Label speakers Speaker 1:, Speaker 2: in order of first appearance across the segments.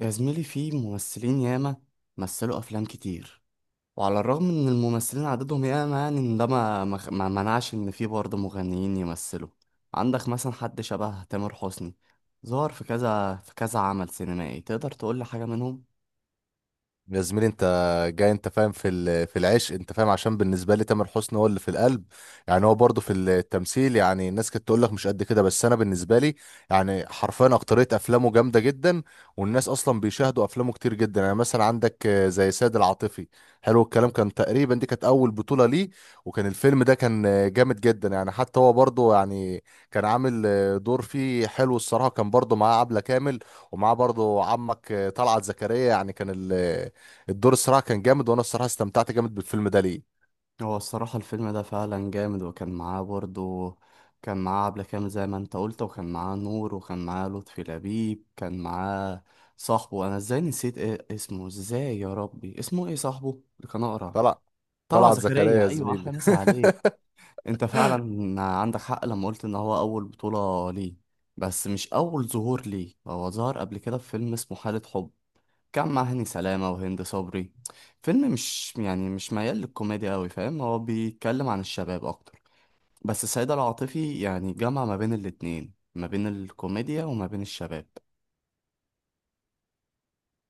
Speaker 1: يا زميلي، في ممثلين ياما مثلوا أفلام كتير. وعلى الرغم إن الممثلين عددهم ياما، يعني إن ده ما منعش إن في برضه مغنيين يمثلوا. عندك مثلا حد شبه تامر حسني، ظهر في كذا في كذا عمل سينمائي، تقدر تقول لي حاجة منهم؟
Speaker 2: يا زميلي، انت جاي انت فاهم في العشق. انت فاهم عشان بالنسبه لي تامر حسني هو اللي في القلب. يعني هو برضه في التمثيل، يعني الناس كانت تقول لك مش قد كده، بس انا بالنسبه لي يعني حرفيا اكتريه افلامه جامده جدا. والناس اصلا بيشاهدوا افلامه كتير جدا. يعني مثلا عندك زي سيد العاطفي. حلو الكلام، كان تقريبا دي كانت اول بطوله ليه. وكان الفيلم ده كان جامد جدا. يعني حتى هو برضه يعني كان عامل دور فيه حلو الصراحه. كان برضه معاه عبله كامل، ومعاه برضه عمك طلعت زكريا. يعني كان الدور الصراحه كان جامد، وانا الصراحه استمتعت جامد بالفيلم ده ليه.
Speaker 1: هو الصراحة الفيلم ده فعلا جامد، وكان معاه برضه كان معاه عبلة كامل زي ما انت قلت، وكان معاه نور، وكان معاه لطفي لبيب، كان معاه صاحبه. انا ازاي نسيت، ايه اسمه ازاي يا ربي، اسمه ايه صاحبه اللي كان اقرع؟
Speaker 2: طلع
Speaker 1: طلع
Speaker 2: طلعت زكريا
Speaker 1: زكريا،
Speaker 2: يا
Speaker 1: ايوه،
Speaker 2: زميلي.
Speaker 1: احلى مسا عليك. انت فعلا عندك حق لما قلت ان هو اول بطولة ليه، بس مش اول ظهور ليه. هو ظهر قبل كده في فيلم اسمه حالة حب، كان مع هاني سلامة وهند صبري. فيلم مش ميال للكوميديا قوي، فاهم، هو بيتكلم عن الشباب اكتر. بس سيد العاطفي يعني جمع ما بين الاتنين، ما بين الكوميديا وما بين الشباب.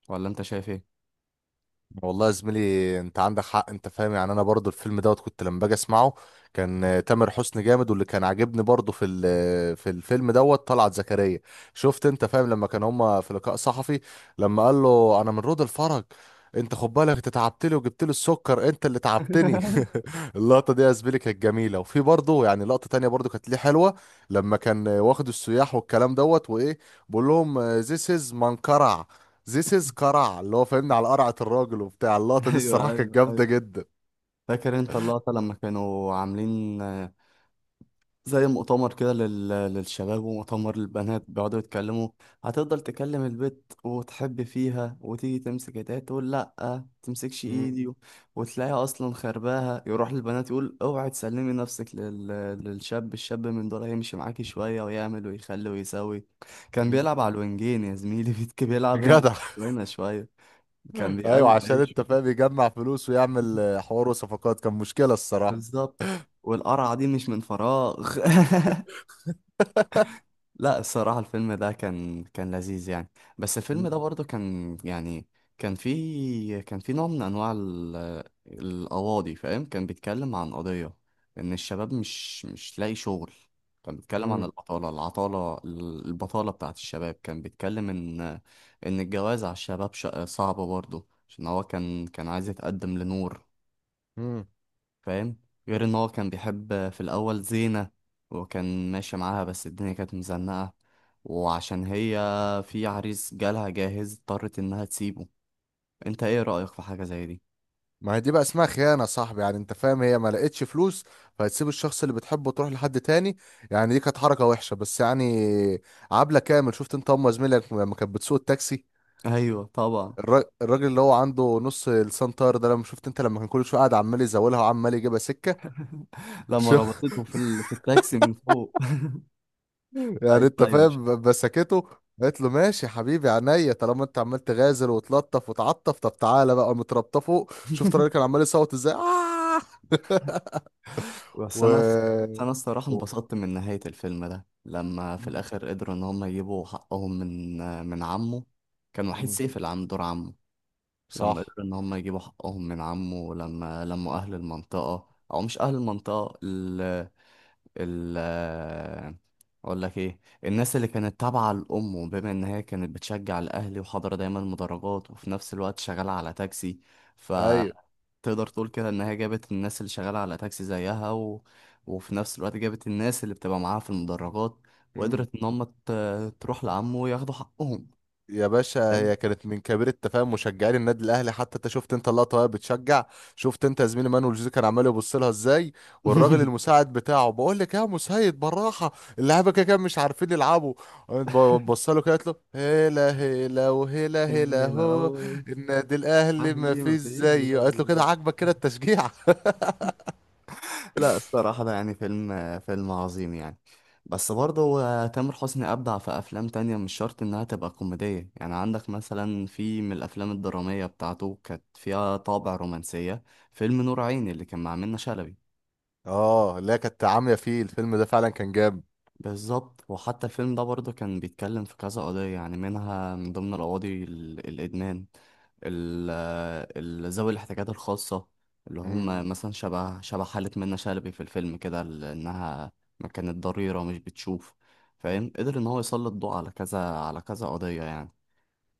Speaker 1: ولا انت شايف ايه؟
Speaker 2: والله يا زميلي انت عندك حق. انت فاهم يعني انا برضو الفيلم دوت كنت لما باجي اسمعه كان تامر حسني جامد. واللي كان عاجبني برضو في الفيلم دوت طلعت زكريا. شفت انت فاهم لما كان هما في لقاء صحفي، لما قال له انا من رود الفرج، انت خد بالك انت تعبت لي وجبت لي السكر، انت اللي تعبتني. اللقطة دي يا زميلي كانت جميلة. وفي برضه يعني لقطة تانية برضه كانت ليه حلوة، لما كان واخد السياح والكلام دوت وإيه بقول لهم ذيس از قرع، اللي هو فاهمني على قرعة الراجل وبتاع. اللقطة دي الصراحة
Speaker 1: ايوه،
Speaker 2: كانت
Speaker 1: ايوه،
Speaker 2: جامدة
Speaker 1: ايوه.
Speaker 2: جدا.
Speaker 1: فاكر انت اللقطة لما كانوا عاملين زي مؤتمر كده للشباب ومؤتمر للبنات، بيقعدوا يتكلموا. هتفضل تكلم البت وتحب فيها، وتيجي تمسك ايديها تقول لا تمسكش
Speaker 2: مم.
Speaker 1: ايدي وتلاقيها اصلا خرباها. يروح للبنات يقول اوعي تسلمي نفسك للشاب، الشاب من دول هيمشي معاكي شوية ويعمل ويخلي ويسوي. كان بيلعب على الوينجين يا زميلي، بيلعب هنا
Speaker 2: جدع.
Speaker 1: هنا شوية. كان
Speaker 2: أيوة،
Speaker 1: بيقلب
Speaker 2: عشان
Speaker 1: عيشه،
Speaker 2: أنت فاهم يجمع فلوس ويعمل حوار وصفقات، كان مشكلة الصراحة.
Speaker 1: بالظبط، والقرعة دي مش من فراغ. لا الصراحة الفيلم ده كان لذيذ يعني. بس الفيلم ده
Speaker 2: مم.
Speaker 1: برضه كان يعني كان في نوع من أنواع القواضي، فاهم، كان بيتكلم عن قضية إن الشباب مش لاقي شغل. كان بيتكلم عن
Speaker 2: مم.
Speaker 1: البطالة، العطالة، البطالة بتاعت الشباب. كان بيتكلم إن الجواز على الشباب صعب برضه، عشان هو كان عايز يتقدم لنور،
Speaker 2: مم.
Speaker 1: فاهم. غير ان هو كان بيحب في الاول زينة، وكان ماشي معاها، بس الدنيا كانت مزنقة، وعشان هي في عريس جالها جاهز اضطرت انها تسيبه. انت ايه رأيك في حاجة زي دي؟
Speaker 2: ما هي دي بقى اسمها خيانة يا صاحبي. يعني انت فاهم هي ما لقيتش فلوس، فهتسيب الشخص اللي بتحبه وتروح لحد تاني. يعني دي كانت حركة وحشة، بس يعني عبلة كامل شفت انت ام زميلك لما كانت بتسوق التاكسي،
Speaker 1: ايوه طبعا.
Speaker 2: الراجل اللي هو عنده نص لسان طاير ده، لما شفت انت لما كان كل شوية قاعد عمال يزولها وعمال يجيبها سكة.
Speaker 1: لما
Speaker 2: شو
Speaker 1: ربطته في في التاكسي من فوق،
Speaker 2: يعني
Speaker 1: ايوه
Speaker 2: انت
Speaker 1: ايوه.
Speaker 2: فاهم بسكته. قالت له ماشي يا حبيبي عينيا، طالما انت عمال تغازل وتلطف وتعطف، طب تعالى بقى متربطه فوق. شفت الراجل كان عمال يصوت ازاي، آه!
Speaker 1: بس
Speaker 2: و...
Speaker 1: انا بس انا الصراحة
Speaker 2: و...
Speaker 1: انبسطت من نهاية الفيلم ده، لما في الاخر قدروا ان هم يجيبوا حقهم من من عمه. كان وحيد
Speaker 2: مم.
Speaker 1: سيف اللي عامل دور عمه. لما
Speaker 2: صح.
Speaker 1: قدروا ان هم يجيبوا حقهم من عمه، لما لموا اهل المنطقة، او مش اهل المنطقة، ال ال اقول لك ايه، الناس اللي كانت تابعة لامه، بما ان هي كانت بتشجع الاهلي وحاضرة دايما مدرجات، وفي نفس الوقت شغالة على تاكسي.
Speaker 2: ايوه.
Speaker 1: فتقدر تقول كده ان هي جابت الناس اللي شغالة على تاكسي زيها وفي نفس الوقت جابت الناس اللي بتبقى معاها في المدرجات،
Speaker 2: مم.
Speaker 1: وقدرت ان هم تروح لعمه وياخدوا حقهم،
Speaker 2: يا باشا، هي
Speaker 1: فاهم؟
Speaker 2: كانت من كبير التفاهم مشجعين النادي الاهلي، حتى انت شفت انت اللقطه وهي بتشجع. شفت انت يا زميلي مانويل جوزيه كان عمال يبص لها ازاي، والراجل المساعد بتاعه بقول لك يا مسيد بالراحه، اللعيبه كده كده مش عارفين يلعبوا. بص له كده، قالت له هلا هلا وهلا هلا،
Speaker 1: العيلة
Speaker 2: هو
Speaker 1: أو
Speaker 2: النادي الاهلي ما
Speaker 1: أهلي ما
Speaker 2: فيش
Speaker 1: فيش
Speaker 2: زيه. قالت له كده
Speaker 1: زيه.
Speaker 2: عاجبك كده التشجيع.
Speaker 1: لا الصراحة ده يعني فيلم عظيم يعني. بس برضه هو تامر حسني أبدع في أفلام تانية، مش شرط إنها تبقى كوميدية يعني. عندك مثلا في من الأفلام الدرامية بتاعته كانت فيها طابع رومانسية، فيلم نور عيني اللي كان مع منة شلبي.
Speaker 2: اه، لا، كانت عاميه فيه. الفيلم ده فعلا كان جامد.
Speaker 1: بالظبط، وحتى الفيلم ده برضه كان بيتكلم في كذا قضية، يعني منها من ضمن القواضي الإدمان، ال- ذوي الاحتياجات الخاصة، اللي
Speaker 2: مم.
Speaker 1: هم مثلا شبه حالة منة شلبي في الفيلم كده، لأنها ما كانت ضريرة ومش بتشوف، فاهم. قدر إن هو يسلط ضوء على كذا على كذا قضية يعني.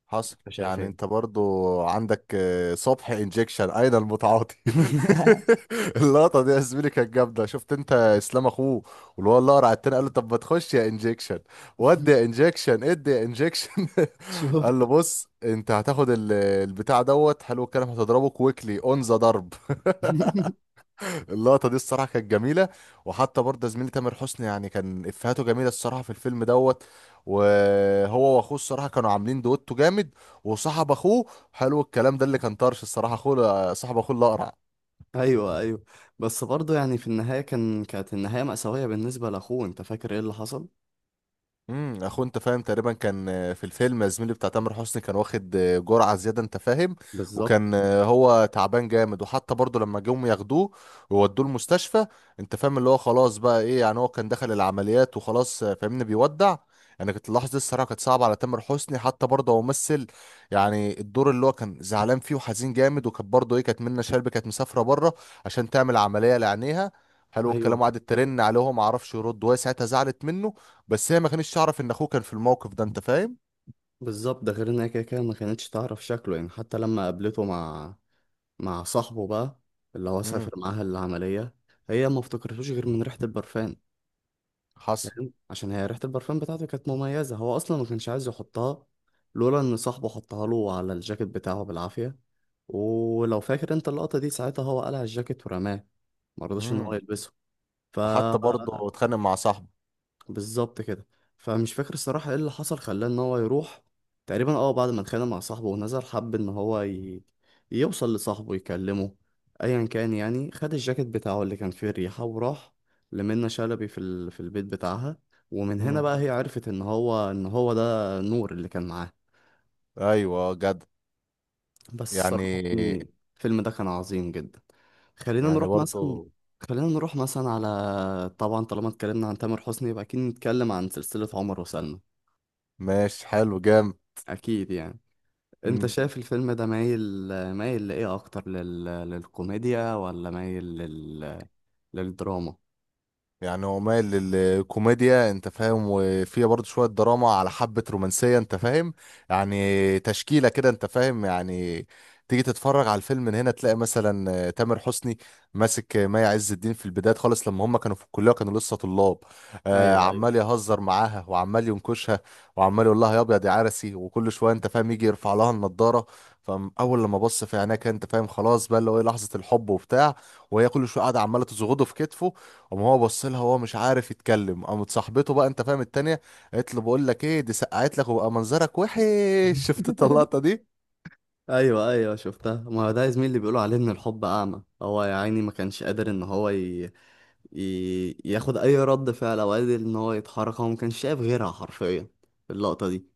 Speaker 2: حصل.
Speaker 1: أنت شايف
Speaker 2: يعني انت
Speaker 1: إيه؟
Speaker 2: برضو عندك صبح انجكشن اين المتعاطي. اللقطه دي يا زميلي كانت جامده. شفت انت اسلام اخوه، واللي هو اللي قرع التاني قال له طب ما تخش يا انجكشن، ودي يا انجكشن ادي يا انجكشن. قال له
Speaker 1: شفته.
Speaker 2: بص انت هتاخد البتاع دوت حلو الكلام، هتضربه كويكلي اون ذا ضرب. اللقطه دي الصراحه كانت جميله. وحتى برضه زميلي تامر حسني يعني كان افهاته جميله الصراحه في الفيلم دوت. وهو واخوه الصراحه كانوا عاملين دويتو جامد. وصاحب اخوه حلو الكلام، ده اللي كان طرش الصراحه اخوه، صاحب اخوه الاقرع.
Speaker 1: ايوه ايوه. بس برضه يعني في النهايه كانت النهايه مأساويه بالنسبه لاخوه. انت فاكر ايه اللي حصل؟
Speaker 2: انت فاهم تقريبا كان في الفيلم زميلي بتاع تامر حسني كان واخد جرعه زياده انت فاهم.
Speaker 1: بالظبط.
Speaker 2: وكان هو تعبان جامد. وحتى برضه لما جم ياخدوه وودوه المستشفى انت فاهم، اللي هو خلاص بقى ايه يعني هو كان دخل العمليات وخلاص، فاهمني بيودع. يعني كنت اللحظه دي الصراحه كانت صعبه على تامر حسني. حتى برضه هو ممثل، يعني الدور اللي هو كان زعلان فيه وحزين جامد. وكانت برضه ايه كانت منة شلبي كانت مسافره بره عشان تعمل عمليه لعينيها، حلو الكلام.
Speaker 1: ايوه
Speaker 2: وقعدت ترن عليه وهو ما عرفش يرد، وهي ساعتها زعلت منه. بس هي ما كانتش تعرف ان اخوه كان في الموقف ده انت فاهم.
Speaker 1: بالظبط، ده غير انها كده كده ما كانتش تعرف شكله يعني. حتى لما قابلته مع مع صاحبه بقى، اللي هو
Speaker 2: امم.
Speaker 1: سافر معاها العملية، هي ما افتكرتوش غير من ريحة البرفان،
Speaker 2: حصل.
Speaker 1: فاهم، عشان هي ريحة البرفان بتاعته كانت مميزة. هو اصلا ما كانش عايز يحطها، لولا ان صاحبه حطها له على الجاكيت بتاعه بالعافية. ولو فاكر انت اللقطة دي ساعتها، هو قلع الجاكيت ورماه، ما رضاش ان هو
Speaker 2: امم.
Speaker 1: يلبسه. ف
Speaker 2: وحتى برضه اتخانق مع صاحبه.
Speaker 1: بالظبط كده. فمش فاكر الصراحة ايه اللي حصل خلاه ان هو يروح. تقريبا اه بعد ما اتخانق مع صاحبه ونزل، حب ان هو يوصل لصاحبه يكلمه، ايا كان يعني. خد الجاكيت بتاعه اللي كان فيه الريحة وراح لمنى شلبي في في البيت بتاعها. ومن هنا
Speaker 2: امم.
Speaker 1: بقى هي عرفت ان هو ده نور اللي كان معاه.
Speaker 2: ايوه جد.
Speaker 1: بس الصراحة
Speaker 2: يعني
Speaker 1: يعني الفيلم ده كان عظيم جدا. خلينا
Speaker 2: يعني
Speaker 1: نروح مثلا،
Speaker 2: برضه.
Speaker 1: خلينا نروح مثلا على طبعا طالما اتكلمنا عن تامر حسني يبقى اكيد نتكلم عن سلسلة عمر وسلمى.
Speaker 2: ماشي حلو جامد.
Speaker 1: اكيد يعني. انت شايف الفيلم ده مايل لايه اكتر، للكوميديا، ولا مايل للدراما؟
Speaker 2: يعني هو مايل للكوميديا انت فاهم، وفيها برضه شوية دراما على حبة رومانسية انت فاهم. يعني تشكيلة كده انت فاهم يعني. تيجي تتفرج على الفيلم من هنا تلاقي مثلا تامر حسني ماسك مي عز الدين في البداية خالص، لما هم كانوا في الكلية كانوا لسه طلاب.
Speaker 1: ايوه ايوه.
Speaker 2: عمال يهزر معاها وعمال ينكشها، وعمال يقول لها يا ابيض يا عرسي، وكل شوية انت فاهم يجي يرفع لها النضارة. فاول لما بص في عينيها كان انت فاهم خلاص بقى اللي هو إيه، لحظة الحب وبتاع. وهي كل شوية قاعدة عمالة تزغده في كتفه، قام هو بص لها هو مش عارف يتكلم. قامت صاحبته بقى انت فاهم التانية قالت له بقول لك ايه دي سقعت لك، وبقى منظرك وحش. شفت انت اللقطة دي.
Speaker 1: ايوه ايوه، شفتها. ما هو ده يا زميلي اللي بيقولوا عليه ان الحب اعمى. هو يا عيني ما كانش قادر ان هو ياخد اي رد فعل، او قادر ان هو يتحرك. هو ما كانش شايف غيرها حرفيا في اللقطه دي.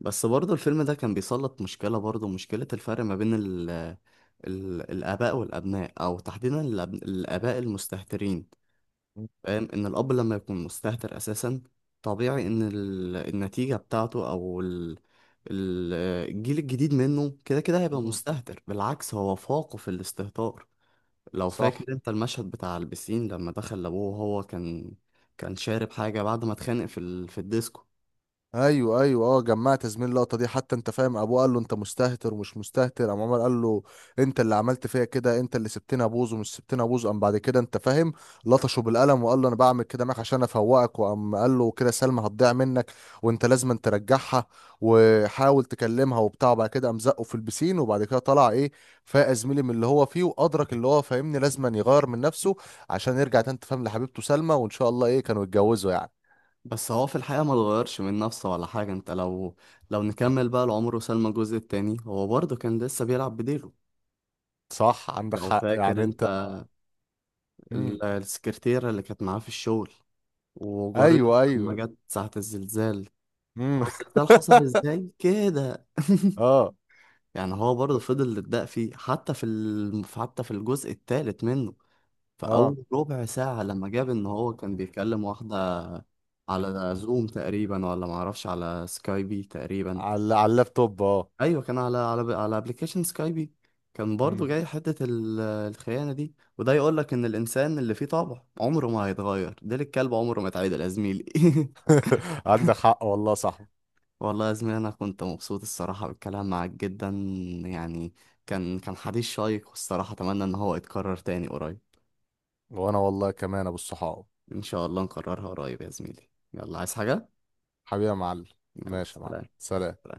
Speaker 1: بس برضه الفيلم ده كان بيسلط مشكله الفرق ما بين الاباء والابناء، او تحديدا الاباء المستهترين، فاهم. ان الاب لما يكون مستهتر اساسا، طبيعي ان النتيجه بتاعته، او ال- الجيل الجديد منه، كده كده هيبقى
Speaker 2: مم.
Speaker 1: مستهتر، بالعكس هو فاقه في الاستهتار. لو فاكر
Speaker 2: صح.
Speaker 1: انت المشهد بتاع البسين لما دخل لابوه وهو كان شارب حاجه بعد ما اتخانق في في الديسكو.
Speaker 2: ايوه ايوه. اه جمعت زميل اللقطه دي. حتى انت فاهم ابوه قال له انت مستهتر ومش مستهتر، قام عمر قال له انت اللي عملت فيا كده، انت اللي سبتني ابوظ ومش سبتني ابوظ. قام بعد كده انت فاهم لطشه بالقلم وقال له انا بعمل كده معاك عشان افوقك. وقام قال له كده سلمى هتضيع منك، وانت لازم ترجعها وحاول تكلمها وبتاع. بعد كده قام زقه في البسين، وبعد كده طلع ايه، فاق زميلي من اللي هو فيه وادرك اللي هو فاهمني لازم يغير من نفسه عشان يرجع تاني أنت فاهم لحبيبته سلمى، وان شاء الله ايه كانوا يتجوزوا يعني.
Speaker 1: بس هو في الحقيقه ما اتغيرش من نفسه ولا حاجه. انت لو لو نكمل بقى لعمر وسلمى الجزء التاني، هو برضه كان لسه بيلعب بديله.
Speaker 2: صح عندك
Speaker 1: لو
Speaker 2: حق
Speaker 1: فاكر
Speaker 2: يعني انت.
Speaker 1: انت
Speaker 2: امم.
Speaker 1: السكرتيرة اللي كانت معاه في الشغل وجارته،
Speaker 2: ايوه
Speaker 1: لما
Speaker 2: ايوه.
Speaker 1: جت ساعة الزلزال.
Speaker 2: امم.
Speaker 1: هو الزلزال حصل ازاي كده؟
Speaker 2: اه.
Speaker 1: يعني هو برضه فضل يتدق فيه حتى في حتى في الجزء الثالث منه، في
Speaker 2: اه.
Speaker 1: أول ربع ساعة لما جاب إن هو كان بيكلم واحدة على زوم تقريبا، ولا معرفش على سكايبي تقريبا.
Speaker 2: على اللابتوب اه.
Speaker 1: أيوة كان على على أبلكيشن سكايبي. كان برضه
Speaker 2: مم.
Speaker 1: جاي حتة الخيانة دي. وده يقولك إن الإنسان اللي فيه طبع عمره ما هيتغير، ديل الكلب عمره ما اتعدل يا زميلي.
Speaker 2: عندك حق والله صح.
Speaker 1: والله يا زميلي انا كنت مبسوط الصراحه بالكلام معاك جدا يعني. كان حديث شيق، والصراحه اتمنى ان هو يتكرر تاني قريب.
Speaker 2: وانا والله كمان ابو الصحاب.
Speaker 1: ان شاء الله نكررها قريب يا زميلي. يلا، عايز حاجه؟
Speaker 2: حبيبي يا معلم.
Speaker 1: يلا
Speaker 2: ماشي يا معلم،
Speaker 1: سلام.
Speaker 2: سلام.